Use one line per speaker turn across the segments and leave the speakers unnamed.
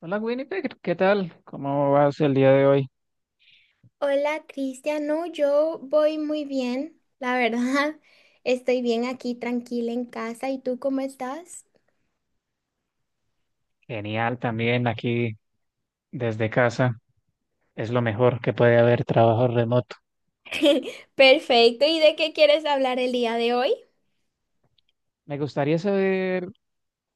Hola Winnipeg, ¿qué tal? ¿Cómo vas el día de hoy?
Hola, Cristian. No, yo voy muy bien, la verdad. Estoy bien aquí, tranquila en casa. ¿Y tú cómo estás?
Genial también aquí desde casa. Es lo mejor que puede haber, trabajo remoto.
Perfecto. ¿Y de qué quieres hablar el día de hoy?
Me gustaría saber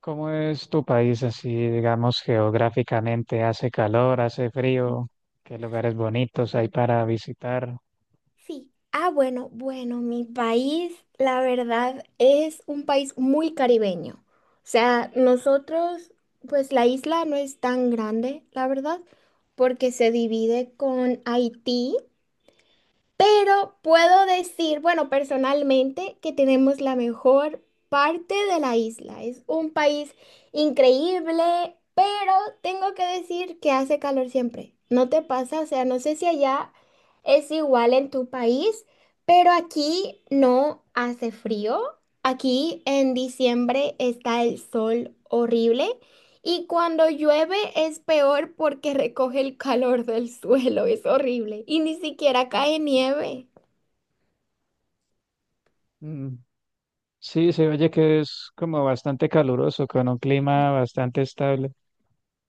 cómo es tu país así, digamos, geográficamente. ¿Hace calor, hace frío? ¿Qué lugares bonitos hay para visitar?
Sí. Bueno, Mi país, la verdad, es un país muy caribeño. O sea, nosotros, pues la isla no es tan grande, la verdad, porque se divide con Haití. Pero puedo decir, bueno, personalmente, que tenemos la mejor parte de la isla. Es un país increíble, pero tengo que decir que hace calor siempre. ¿No te pasa? O sea, no sé si allá es igual en tu país, pero aquí no hace frío. Aquí en diciembre está el sol horrible. Y cuando llueve es peor porque recoge el calor del suelo, es horrible. Y ni siquiera cae nieve.
Mm, Sí, se oye que es como bastante caluroso, con un clima bastante estable.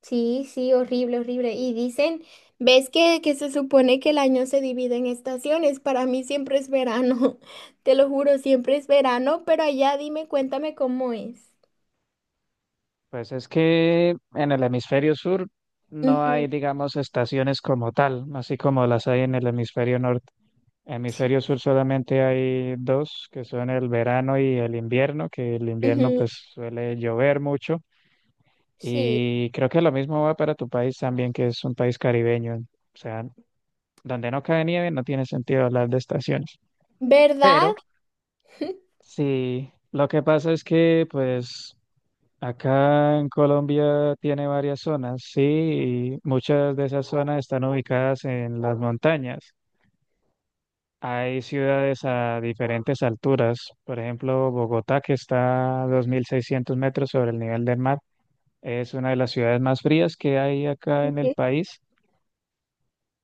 Sí, sí, horrible, horrible. Y dicen, ¿ves que se supone que el año se divide en estaciones? Para mí siempre es verano, te lo juro, siempre es verano, pero allá dime, cuéntame cómo es.
Pues es que en el hemisferio sur no hay,
Ujú.
digamos, estaciones como tal, así como las hay en el hemisferio norte.
Sí,
Hemisferio sur solamente hay dos, que son el verano y el invierno, que el invierno
ujú,
pues suele llover mucho.
sí.
Y creo que lo mismo va para tu país también, que es un país caribeño. O sea, donde no cae nieve no tiene sentido hablar de estaciones.
¿Verdad?
Pero sí, lo que pasa es que pues acá en Colombia tiene varias zonas, sí, y muchas de esas zonas están ubicadas en las montañas. Hay ciudades a diferentes alturas, por ejemplo, Bogotá, que está a 2.600 metros sobre el nivel del mar, es una de las ciudades más frías que hay acá en el
Ujú.
país.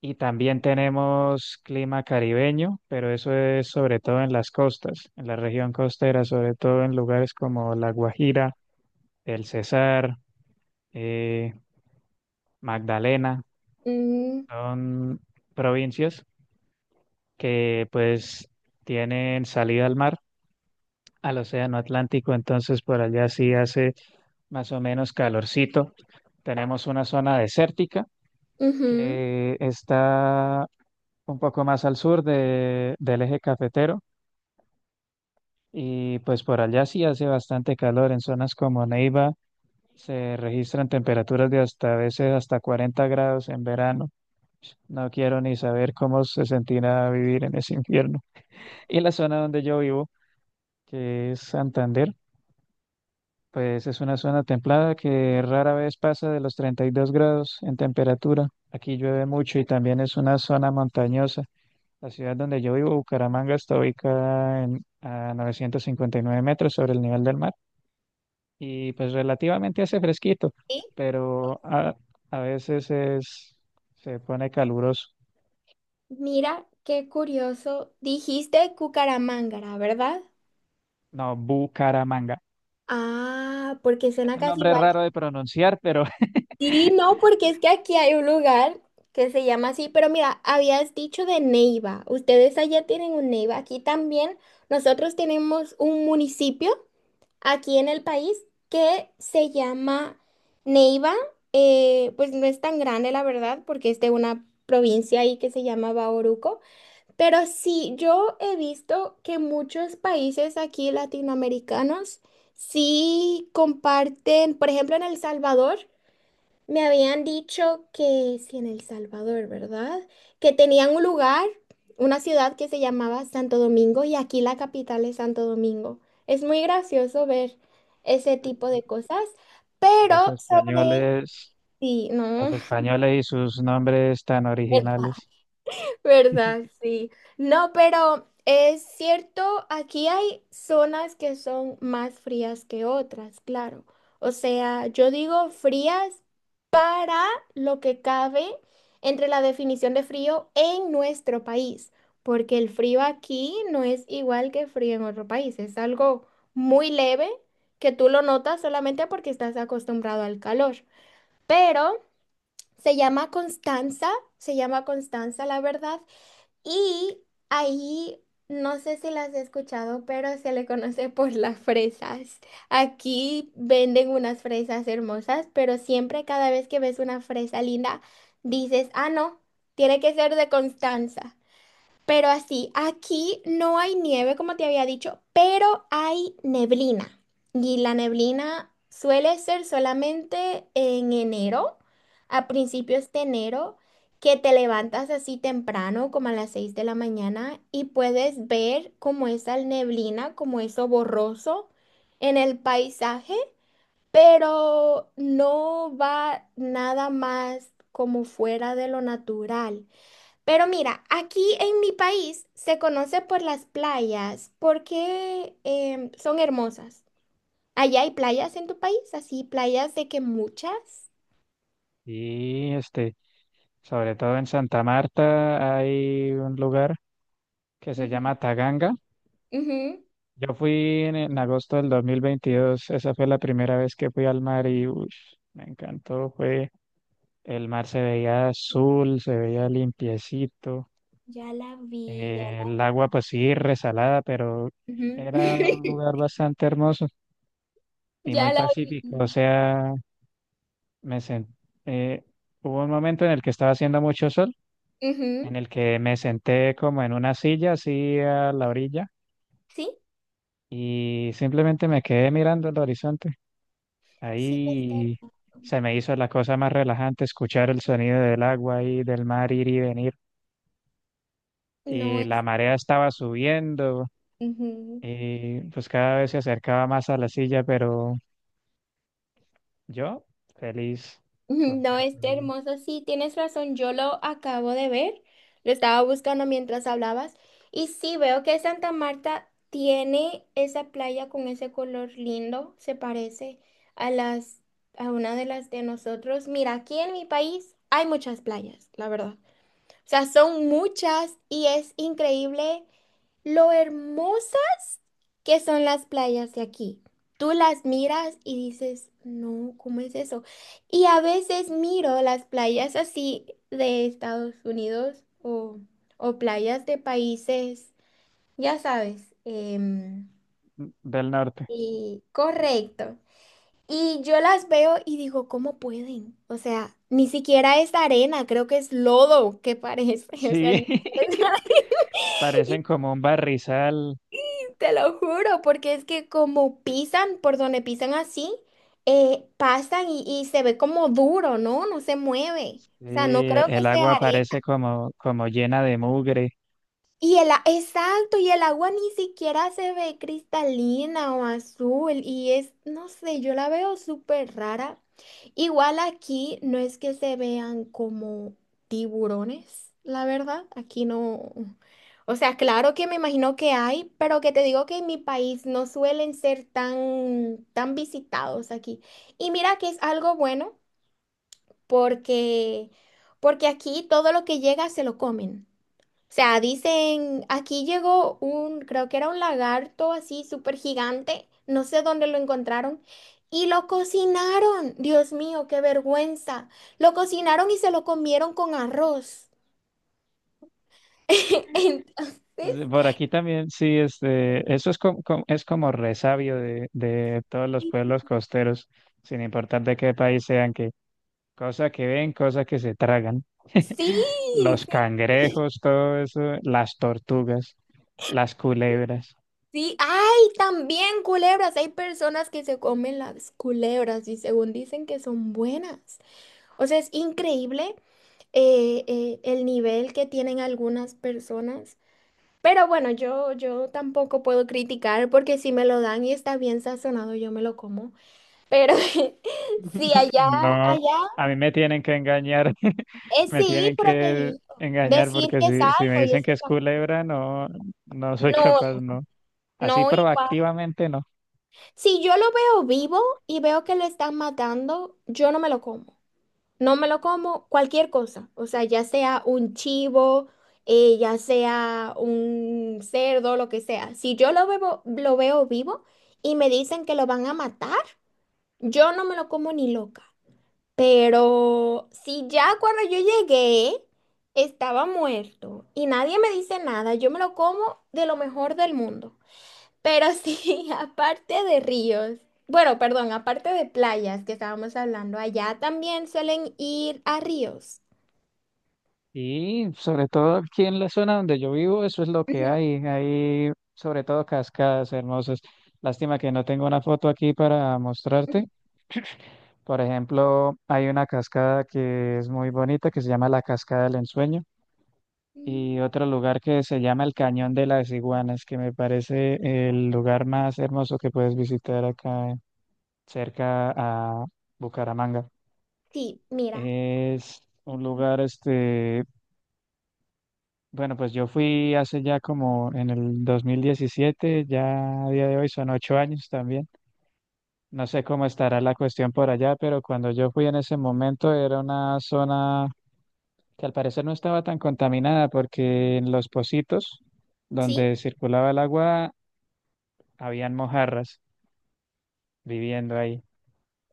Y también tenemos clima caribeño, pero eso es sobre todo en las costas, en la región costera, sobre todo en lugares como La Guajira, El Cesar, eh, Magdalena.
Mm,
Son provincias que pues tienen salida al mar, al océano Atlántico, entonces por allá sí hace más o menos calorcito. Tenemos una zona desértica
ujú.
que está un poco más al sur del eje cafetero y pues por allá sí hace bastante calor. En zonas como Neiva se registran temperaturas de hasta, a veces, hasta 40 grados en verano. No quiero ni saber cómo se sentirá vivir en ese infierno. Y la zona donde yo vivo, que es Santander, pues es una zona templada que rara vez pasa de los 32 grados en temperatura. Aquí llueve mucho y también es una zona montañosa. La ciudad donde yo vivo, Bucaramanga, está ubicada en, a 959 metros sobre el nivel del mar, y pues relativamente hace fresquito,
Sí.
pero a veces se pone caluroso.
Mira, qué curioso. Dijiste Cucaramángara, ¿verdad?
No, Bucaramanga.
Ah, porque
Es
suena
un
casi
nombre
igual.
raro de pronunciar, pero
Sí, no, porque es que aquí hay un lugar que se llama así, pero mira, habías dicho de Neiva. Ustedes allá tienen un Neiva. Aquí también nosotros tenemos un municipio aquí en el país que se llama Neiva. Pues no es tan grande, la verdad, porque es de una provincia ahí que se llama Bauruco. Pero sí, yo he visto que muchos países aquí latinoamericanos sí comparten, por ejemplo, en El Salvador, me habían dicho que, sí, en El Salvador, ¿verdad? Que tenían un lugar, una ciudad que se llamaba Santo Domingo y aquí la capital es Santo Domingo. Es muy gracioso ver ese tipo de cosas,
los
pero
españoles
sí, no.
los españoles y sus nombres tan originales.
¿Verdad? Sí. No, pero es cierto, aquí hay zonas que son más frías que otras, claro. O sea, yo digo frías para lo que cabe entre la definición de frío en nuestro país, porque el frío aquí no es igual que frío en otro país, es algo muy leve que tú lo notas solamente porque estás acostumbrado al calor. Pero se llama Constanza, se llama Constanza, la verdad, y ahí, no sé si las he escuchado, pero se le conoce por las fresas. Aquí venden unas fresas hermosas, pero siempre cada vez que ves una fresa linda, dices, ah, no, tiene que ser de Constanza. Pero así, aquí no hay nieve, como te había dicho, pero hay neblina. Y la neblina suele ser solamente en enero, a principios de enero, que te levantas así temprano, como a las 6:00 de la mañana, y puedes ver como esa neblina, como eso borroso en el paisaje, pero no va nada más como fuera de lo natural. Pero mira, aquí en mi país se conoce por las playas porque son hermosas. ¿Allá hay playas en tu país? Así, playas de que muchas.
Y este, sobre todo en Santa Marta hay un lugar que se llama
Ujú,
Taganga.
ujú.
Yo fui en agosto del 2022, esa fue la primera vez que fui al mar y ush, me encantó, fue el mar se veía azul, se veía limpiecito,
Ya la vi, ya,
el agua pues sí resalada, pero
ujú.
era un lugar bastante hermoso y muy
Ya la
pacífico. O
vi.
sea, me sen- eh, hubo un momento en el que estaba haciendo mucho sol, en
Ujú.
el que me senté como en una silla así a la orilla
¿Sí?
y simplemente me quedé mirando el horizonte.
Sí,
Ahí
hermoso.
se me hizo la cosa más relajante escuchar el sonido del agua y del mar ir y venir.
No
Y la
es.
marea estaba subiendo
Ujú.
y pues cada vez se acercaba más a la silla, pero yo feliz,
No, está
contento.
hermoso. Sí, tienes razón. Yo lo acabo de ver. Lo estaba buscando mientras hablabas. Y sí, veo que Santa Marta tiene esa playa con ese color lindo. Se parece a a una de las de nosotros. Mira, aquí en mi país hay muchas playas, la verdad. O sea, son muchas y es increíble lo hermosas que son las playas de aquí. Tú las miras y dices, no, ¿cómo es eso? Y a veces miro las playas así de Estados Unidos o playas de países, ya sabes,
Del norte.
y correcto. Y yo las veo y digo, ¿cómo pueden? O sea, ni siquiera es arena, creo que es lodo que parece. O sea,
Sí, parecen como un barrizal.
Te lo juro, porque es que como pisan, por donde pisan así, pasan y se ve como duro, ¿no? No se mueve.
Sí,
O sea, no creo que
el
sea
agua
arena.
parece como, como llena de mugre.
Y exacto, y el agua ni siquiera se ve cristalina o azul y es, no sé, yo la veo súper rara. Igual aquí no es que se vean como tiburones, la verdad, aquí no. O sea, claro que me imagino que hay, pero que te digo que en mi país no suelen ser tan, tan visitados aquí. Y mira que es algo bueno porque, porque aquí todo lo que llega se lo comen. O sea, dicen, aquí llegó un, creo que era un lagarto así súper gigante, no sé dónde lo encontraron, y lo cocinaron. Dios mío, qué vergüenza. Lo cocinaron y se lo comieron con arroz.
Sí,
Entonces,
por aquí también, sí, este, eso es como resabio de todos los pueblos costeros, sin importar de qué país sean, que cosa que ven, cosa que se tragan.
sí,
Los
sí,
cangrejos, todo eso, las tortugas, las culebras.
sí. Ay, también culebras. Hay personas que se comen las culebras y según dicen que son buenas. O sea, es increíble el nivel que tienen algunas personas. Pero bueno, yo tampoco puedo criticar porque si me lo dan y está bien sazonado, yo me lo como. Pero si allá,
No,
allá
a mí me tienen que engañar,
es
me
sí ir,
tienen
pero te
que
digo,
engañar
decir
porque
que es
si, si me
algo y
dicen que
eso
es culebra, no, no soy
no,
capaz, no. Así
no igual.
proactivamente no.
Si yo lo veo vivo y veo que lo están matando, yo no me lo como. No me lo como cualquier cosa. O sea, ya sea un chivo, ya sea un cerdo, lo que sea. Si yo lo veo vivo y me dicen que lo van a matar. Yo no me lo como ni loca, pero si ya cuando yo llegué estaba muerto y nadie me dice nada, yo me lo como de lo mejor del mundo. Pero sí, aparte de ríos, bueno, perdón, aparte de playas que estábamos hablando, allá también suelen ir a ríos.
Y sobre todo aquí en la zona donde yo vivo, eso es lo que
Ujú,
hay. Hay sobre todo cascadas hermosas. Lástima que no tengo una foto aquí para
ujú.
mostrarte. Por ejemplo, hay una cascada que es muy bonita, que se llama la Cascada del Ensueño, y
Mm,
otro lugar que se llama el Cañón de las Iguanas, que me parece el lugar más hermoso que puedes visitar acá, cerca a Bucaramanga.
sí, mira,
Es un lugar, este, bueno, pues yo fui hace ya como en el 2017, ya a día de hoy son 8 años también. No sé cómo estará la cuestión por allá, pero cuando yo fui en ese momento era una zona que al parecer no estaba tan contaminada porque en los pocitos
sí,
donde circulaba el agua habían mojarras viviendo ahí.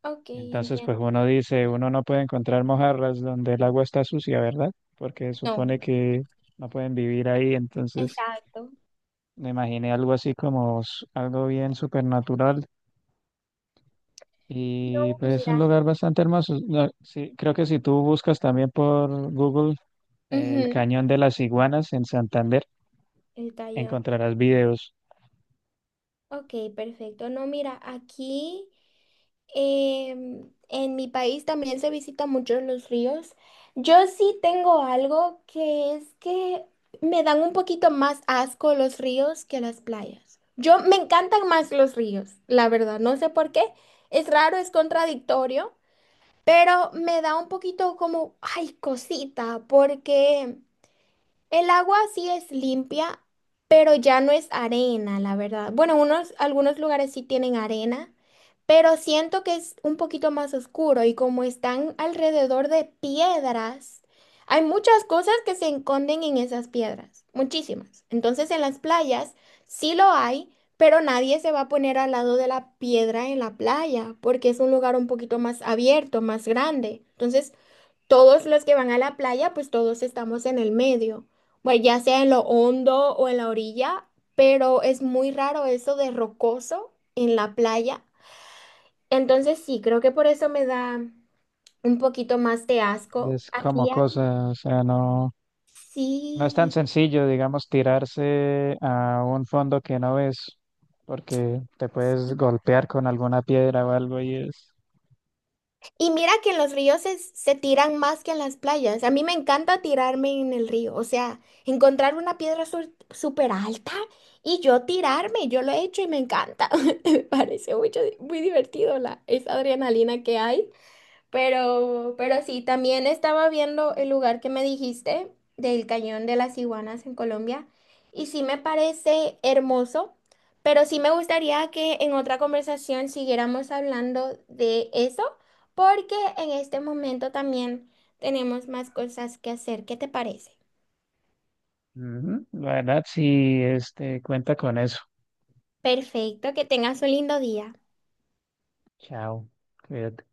ok,
Entonces,
entiendo.
pues uno dice, uno no puede encontrar mojarras donde el agua está sucia, ¿verdad? Porque supone
No,
que no pueden vivir ahí, entonces...
exacto.
me imaginé algo así como s- algo bien supernatural. Y
No,
pues es un
mira.
lugar bastante hermoso. No, sí, creo que si tú buscas también por Google el
Ujú.
Cañón de las Iguanas en Santander,
El tallón.
encontrarás videos.
Ok, perfecto. No, mira, aquí en mi país también se visitan muchos los ríos. Yo sí tengo algo que es que me dan un poquito más asco los ríos que las playas. Yo me encantan más los ríos, la verdad. No sé por qué. Es raro, es contradictorio, pero me da un poquito como, ay, cosita, porque... el agua sí es limpia, pero ya no es arena, la verdad. Bueno, unos, algunos lugares sí tienen arena, pero siento que es un poquito más oscuro y como están alrededor de piedras, hay muchas cosas que se esconden en esas piedras, muchísimas. Entonces en las playas sí lo hay, pero nadie se va a poner al lado de la piedra en la playa porque es un lugar un poquito más abierto, más grande. Entonces todos los que van a la playa, pues todos estamos en el medio, pues ya sea en lo hondo o en la orilla, pero es muy raro eso de rocoso en la playa. Entonces sí, creo que por eso me da un poquito más de asco.
Es como
Aquí hay,
cosa, o sea, no, no es tan
sí.
sencillo, digamos, tirarse a un fondo que no ves, porque te puedes golpear con alguna piedra o algo y es...
Y mira que en los ríos se tiran más que en las playas. A mí me encanta tirarme en el río, o sea, encontrar una piedra súper alta y yo tirarme, yo lo he hecho y me encanta. Me parece mucho, muy divertido la, esa adrenalina que hay. Pero sí, también estaba viendo el lugar que me dijiste del Cañón de las Iguanas en Colombia y sí me parece hermoso, pero sí me gustaría que en otra conversación siguiéramos hablando de eso porque en este momento también tenemos más cosas que hacer. ¿Qué te parece?
Ujú, la verdad, sí, este, cuenta con eso.
Perfecto, que tengas un lindo día.
Chao, cuídate.